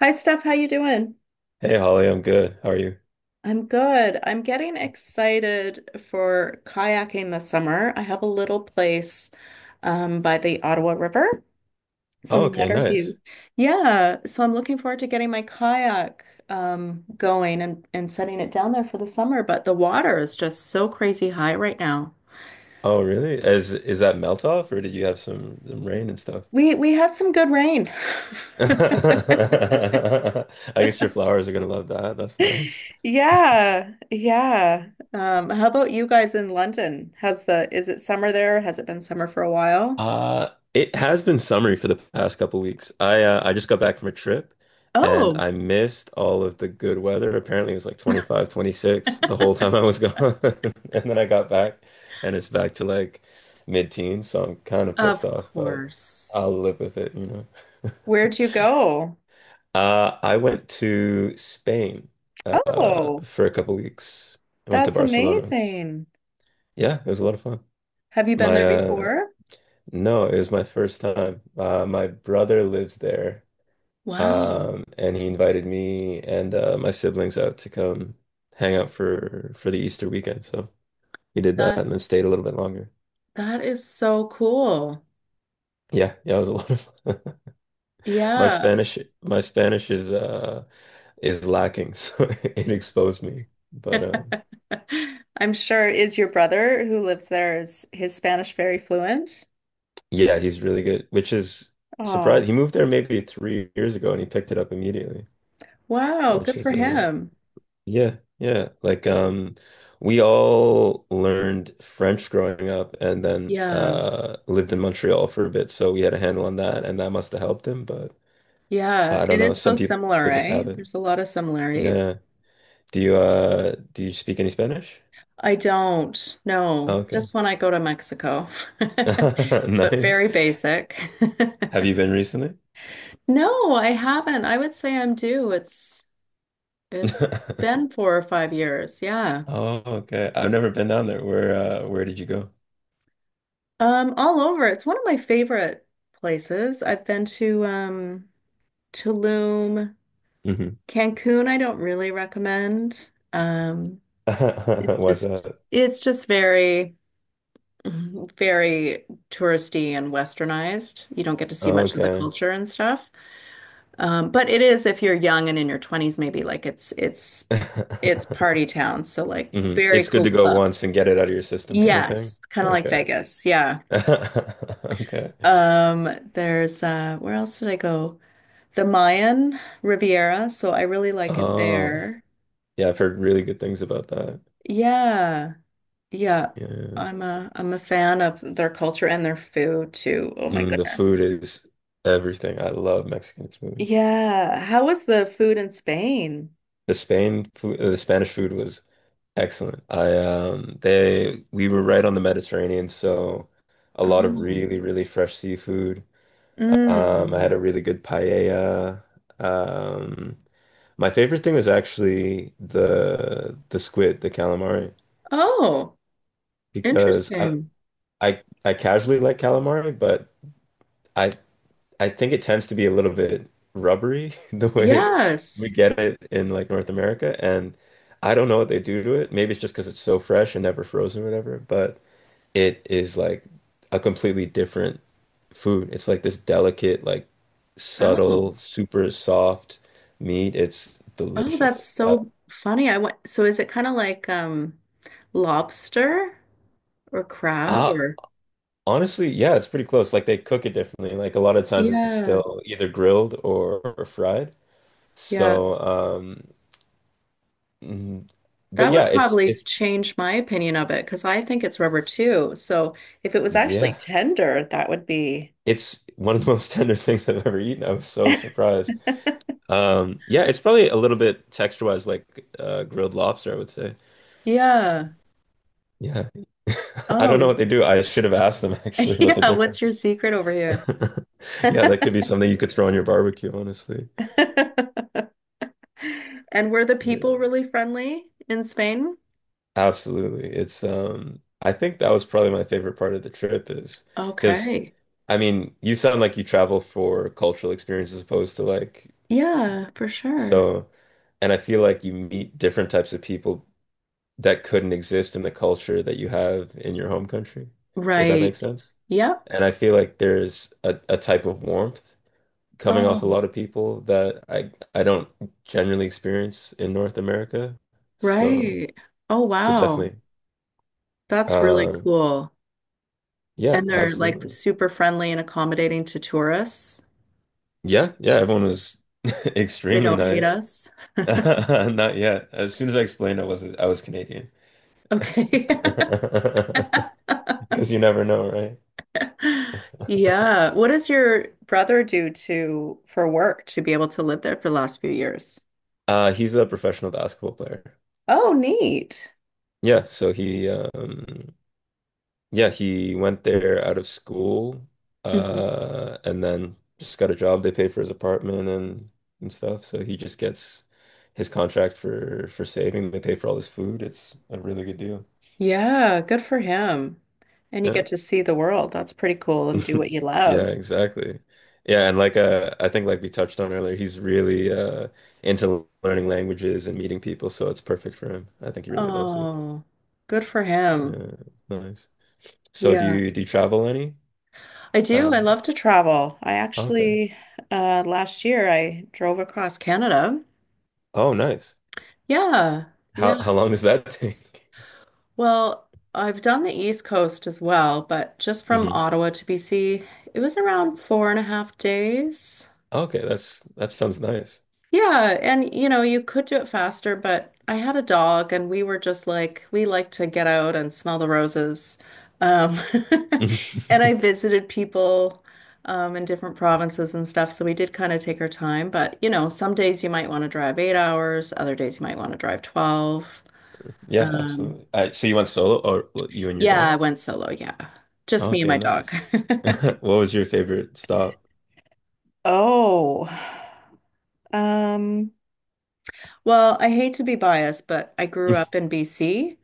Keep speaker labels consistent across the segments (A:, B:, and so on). A: Hi Steph, how you doing?
B: Hey Holly, I'm good. How are you?
A: I'm good. I'm getting excited for kayaking this summer. I have a little place by the Ottawa River,
B: Oh,
A: some
B: okay,
A: water
B: nice.
A: view. Yeah, so I'm looking forward to getting my kayak going and setting it down there for the summer. But the water is just so crazy high right now.
B: Oh, really? Is that melt off or did you have some rain and stuff?
A: We had some good rain.
B: I guess your flowers are gonna love that. That's nice.
A: Yeah, yeah. How about you guys in London? Has the Is it summer there? Has it been summer for a while?
B: Uh, it has been summery for the past couple weeks. I just got back from a trip and
A: Oh,
B: I missed all of the good weather. Apparently it was like 25, 26 the whole time I was gone. And then I got back and it's back to like mid-teens, so I'm kind of pissed
A: of
B: off, but
A: course.
B: I'll live with it.
A: Where'd you go?
B: I went to Spain
A: Oh,
B: for a couple weeks. I went to
A: that's
B: Barcelona.
A: amazing.
B: Yeah, it was a lot of fun.
A: Have you been
B: My
A: there before?
B: No, it was my first time. My brother lives there,
A: Wow.
B: and he invited me and my siblings out to come hang out for the Easter weekend. So we did that
A: That
B: and then stayed a little bit longer.
A: that is so cool.
B: Yeah, yeah, it was a lot of fun. My
A: Yeah,
B: Spanish, my Spanish is lacking, so it exposed me. But
A: I'm sure. Is your brother who lives there, is his Spanish very fluent?
B: Yeah, he's really good, which is
A: Oh,
B: surprising. He moved there maybe 3 years ago and he picked it up immediately,
A: wow,
B: which
A: good for
B: is
A: him.
B: yeah, yeah. We all learned French growing up and then
A: Yeah.
B: lived in Montreal for a bit, so we had a handle on that and that must have helped him, but
A: Yeah,
B: I don't
A: it
B: know.
A: is so
B: Some people
A: similar,
B: just
A: eh?
B: have it.
A: There's a lot of similarities.
B: Yeah. Do you speak any Spanish?
A: I don't know,
B: Oh, okay.
A: just when I go to Mexico. But
B: Nice.
A: very basic.
B: Have you been recently?
A: No, I haven't. I would say I'm due. It's been 4 or 5 years. Yeah.
B: Oh, okay. I've never been down there. Where did you go?
A: All over. It's one of my favorite places. I've been to Tulum,
B: Hmm.
A: Cancun. I don't really recommend. Um, it's
B: What's
A: just
B: that?
A: very, mhm, very touristy and westernized. You don't get to see
B: Oh,
A: much of the
B: okay.
A: culture and stuff. But it is if you're young and in your 20s, maybe like it's party town. So like
B: Hmm.
A: very
B: It's good to
A: cool
B: go
A: clubs.
B: once and get it out of your system kind of thing.
A: Yes, kind of like
B: Okay.
A: Vegas. Yeah.
B: Okay.
A: Um, there's Where else did I go? The Mayan Riviera, so I really like it
B: Oh,
A: there.
B: yeah, I've heard really good things about that.
A: Yeah. Yeah.
B: Yeah.
A: I'm a fan of their culture and their food too. Oh my
B: Mm, the
A: goodness.
B: food is everything. I love Mexican food.
A: Yeah. How was the food in Spain?
B: The Spain food, the Spanish food was excellent. I they We were right on the Mediterranean, so a lot of
A: Oh,
B: really, really fresh seafood. I had
A: mm.
B: a really good paella. Um, My favorite thing was actually the squid, the calamari,
A: Oh,
B: because I
A: interesting.
B: I, I casually like calamari, but I I think it tends to be a little bit rubbery the way we
A: Yes.
B: get it in like North America, and I don't know what they do to it. Maybe it's just because it's so fresh and never frozen or whatever, but it is like a completely different food. It's like this delicate, like
A: Oh,
B: subtle, super soft meat. It's
A: oh, that's
B: delicious.
A: so funny. I went, so is it kind of like lobster or crab
B: I
A: or
B: Honestly, yeah, it's pretty close. Like they cook it differently. Like a lot of times it's
A: yeah,
B: still either grilled or fried.
A: yeah.
B: So, mm, but
A: That
B: yeah,
A: would
B: it's
A: probably
B: it's
A: change my opinion of it because I think it's rubber too. So if it was actually
B: yeah,
A: tender, that would be.
B: it's one of the most tender things I've ever eaten. I was so surprised. Yeah, it's probably a little bit texture-wise like grilled lobster, I would say.
A: Yeah.
B: Yeah. I don't know
A: Oh,
B: what they do. I should have asked them actually what the
A: yeah. What's
B: difference
A: your
B: is.
A: secret over here?
B: Yeah, that could be something you could throw on your barbecue, honestly.
A: And were the
B: But.
A: people really friendly in Spain?
B: Absolutely. It's I think that was probably my favorite part of the trip is because
A: Okay.
B: you sound like you travel for cultural experience as opposed to
A: Yeah, for sure.
B: so and I feel like you meet different types of people that couldn't exist in the culture that you have in your home country, if that makes
A: Right.
B: sense.
A: Yep.
B: And I feel like there's a type of warmth coming off a
A: Oh,
B: lot of people that I don't generally experience in North America. So
A: right. Oh,
B: so
A: wow.
B: definitely.
A: That's really
B: Um
A: cool.
B: yeah,
A: And they're like
B: absolutely.
A: super friendly and accommodating to tourists.
B: Yeah, yeah, everyone was
A: They
B: extremely
A: don't hate
B: nice.
A: us.
B: Not yet. As soon as I explained I was Canadian.
A: Okay.
B: Because you never know, right?
A: Yeah. What does your brother do to for work to be able to live there for the last few years?
B: He's a professional basketball player.
A: Oh, neat.
B: Yeah, so he yeah, he went there out of school and then just got a job. They paid for his apartment and stuff. So he just gets his contract for saving. They pay for all his food. It's a really good deal.
A: Yeah, good for him. And you
B: Yeah.
A: get to see the world. That's pretty cool and do what you
B: Yeah,
A: love.
B: exactly. Yeah, and like I think like we touched on earlier, he's really into learning languages and meeting people, so it's perfect for him. I think he really loves it.
A: Oh, good for him.
B: Yeah, nice. So
A: Yeah,
B: do you travel any?
A: I do. I
B: Uh,
A: love to travel.
B: okay.
A: Last year I drove across Canada.
B: Oh, nice.
A: Yeah, yeah.
B: How long does that take?
A: Well, I've done the East Coast as well, but just from
B: Hmm.
A: Ottawa to BC, it was around four and a half days.
B: Okay, that's that sounds nice.
A: Yeah, and you could do it faster, but I had a dog and we were just like we like to get out and smell the roses. Um and I visited people in different provinces and stuff, so we did kind of take our time, but some days you might want to drive 8 hours, other days you might want to drive 12.
B: Yeah,
A: Um
B: absolutely. So you went solo, or well, you and your
A: yeah,
B: dog?
A: I went solo, yeah. Just me and
B: Okay,
A: my dog.
B: nice. What was your favorite stop?
A: Oh. Um Well, I hate to be biased, but I grew up in BC.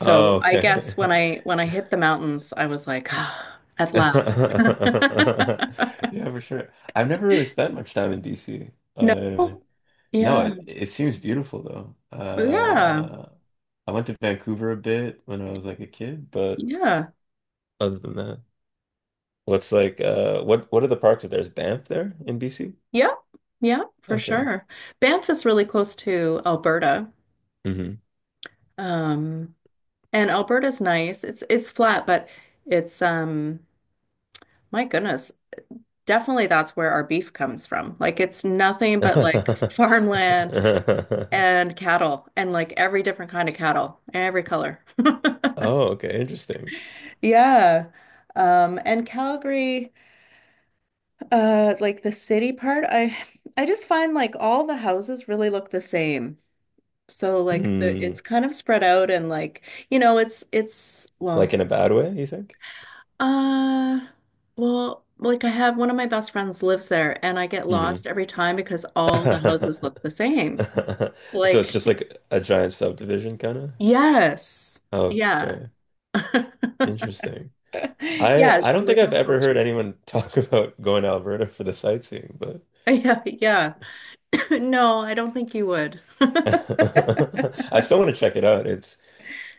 B: Oh,
A: I
B: okay.
A: guess when I when I hit the mountains, I was like, ah, at last.
B: Yeah, for sure. I've never really spent much time in BC.
A: No.
B: No,
A: Yeah.
B: it seems beautiful though.
A: But yeah.
B: I went to Vancouver a bit when I was like a kid, but
A: Yeah.
B: other than that, what's like what are the parks that there's Banff there in BC?
A: Yep. Yep, for
B: Okay.
A: sure. Banff is really close to Alberta.
B: Hmm.
A: Um, and Alberta's nice. It's flat, but it's my goodness, definitely that's where our beef comes from. Like it's nothing but like farmland and cattle and like every different kind of cattle, every color.
B: Oh, okay, interesting.
A: Yeah. And Calgary, like the city part, I just find like all the houses really look the same. So like the
B: Hmm.
A: it's kind of spread out and like, you know, it's it's
B: Like
A: well,
B: in a bad way, you think?
A: uh well, like I have one of my best friends lives there and I get
B: Mm-hmm.
A: lost every time because all the houses look the same.
B: So
A: Like,
B: it's just like a giant subdivision kind of?
A: yes.
B: Oh,
A: Yeah.
B: okay. Interesting. I
A: Yeah,
B: I
A: it's
B: don't think
A: like no
B: I've ever heard
A: culture.
B: anyone talk about going to Alberta for the sightseeing, but
A: Yeah, yeah. No, I don't think you would.
B: I still want to check it out. It's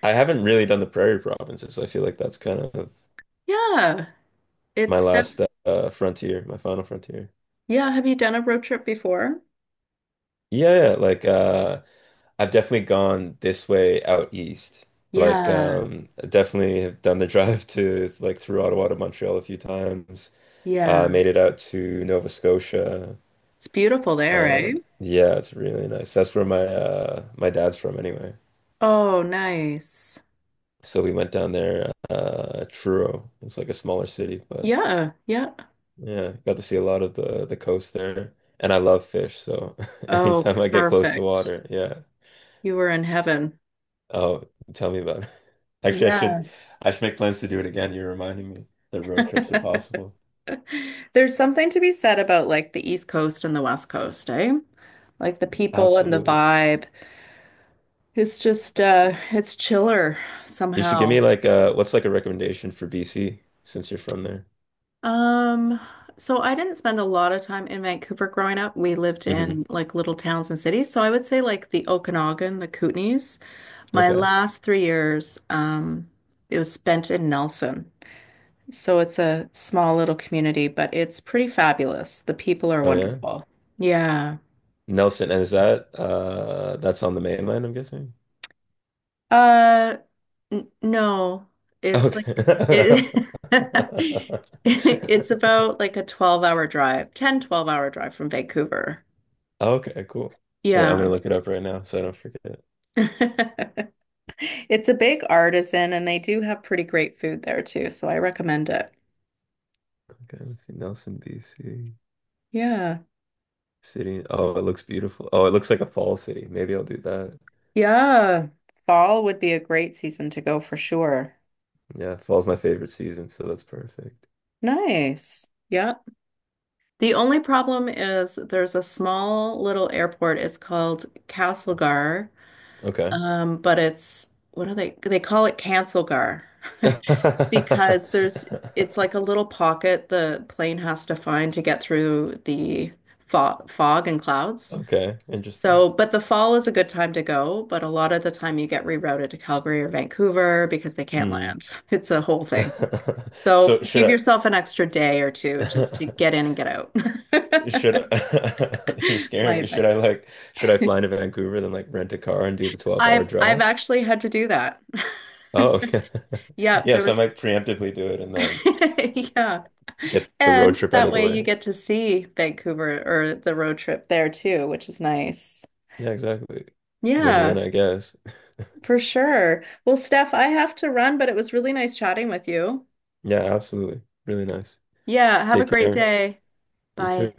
B: I haven't really done the prairie provinces. I feel like that's kind of
A: Yeah,
B: my
A: it's def-
B: last frontier, my final frontier.
A: yeah. Have you done a road trip before?
B: Yeah, yeah, like I've definitely gone this way out east. Like,
A: Yeah,
B: I definitely have done the drive to like through Ottawa to Montreal a few times.
A: yeah.
B: Made it out to Nova Scotia.
A: It's beautiful there, eh?
B: Yeah, it's really nice. That's where my dad's from anyway.
A: Oh, nice.
B: So we went down there, Truro. It's like a smaller city, but
A: Yeah, yeah.
B: yeah, got to see a lot of the coast there. And I love fish, so
A: Oh,
B: anytime I get close to
A: perfect.
B: water, yeah,
A: You were in heaven.
B: oh, tell me about it. Actually,
A: Yeah.
B: I should make plans to do it again. You're reminding me that road trips are possible.
A: There's something to be said about like the East Coast and the West Coast, eh? Like the people and the
B: Absolutely.
A: vibe. It's chiller
B: You should give
A: somehow.
B: me like what's like a recommendation for BC since you're from there.
A: Um, so I didn't spend a lot of time in Vancouver growing up. We lived
B: Hmm.
A: in like little towns and cities. So I would say like the Okanagan, the Kootenays. My
B: Okay.
A: last 3 years, it was spent in Nelson. So it's a small little community, but it's pretty fabulous. The people are
B: Oh yeah.
A: wonderful. Yeah.
B: Nelson, and is that that's on the mainland, I'm guessing?
A: Uh, n No, it's like
B: Okay.
A: it, it's about like a 12-hour drive, 10, 12 hour drive from Vancouver.
B: Okay, cool. Wait, I'm gonna
A: Yeah.
B: look it up right now so I don't forget.
A: It's a big artisan and they do have pretty great food there too, so I recommend it.
B: Okay, let's see. Nelson, BC.
A: Yeah.
B: City. Oh, it looks beautiful. Oh, it looks like a fall city. Maybe I'll do that.
A: Yeah. Fall would be a great season to go for sure.
B: Yeah, fall's my favorite season, so that's perfect.
A: Nice. Yeah. The only problem is there's a small little airport. It's called Castlegar.
B: Okay.
A: But it's what are they call it Cancelgar, because there's it's like a little pocket the plane has to find to get through the fog and clouds.
B: Okay, interesting.
A: So, but the fall is a good time to go, but a lot of the time you get rerouted to Calgary or Vancouver because they can't
B: Mm.
A: land. It's a whole thing. So,
B: So
A: give
B: should
A: yourself an extra day or two just to
B: I
A: get in and get out.
B: should I you're
A: My
B: scaring me. Should I
A: advice.
B: fly into Vancouver then like rent a car and do the 12-hour
A: I've
B: drive?
A: actually had to do that.
B: Oh, okay.
A: Yeah,
B: Yeah,
A: there
B: so I
A: was
B: might preemptively do it and then
A: yeah.
B: get the road
A: And
B: trip out
A: that
B: of the
A: way you
B: way.
A: get to see Vancouver or the road trip there too, which is nice.
B: Yeah, exactly. Win-win,
A: Yeah,
B: I guess.
A: for sure. Well, Steph, I have to run, but it was really nice chatting with you.
B: Yeah, absolutely. Really nice.
A: Yeah, have a
B: Take
A: great
B: care.
A: day.
B: You
A: Bye.
B: too.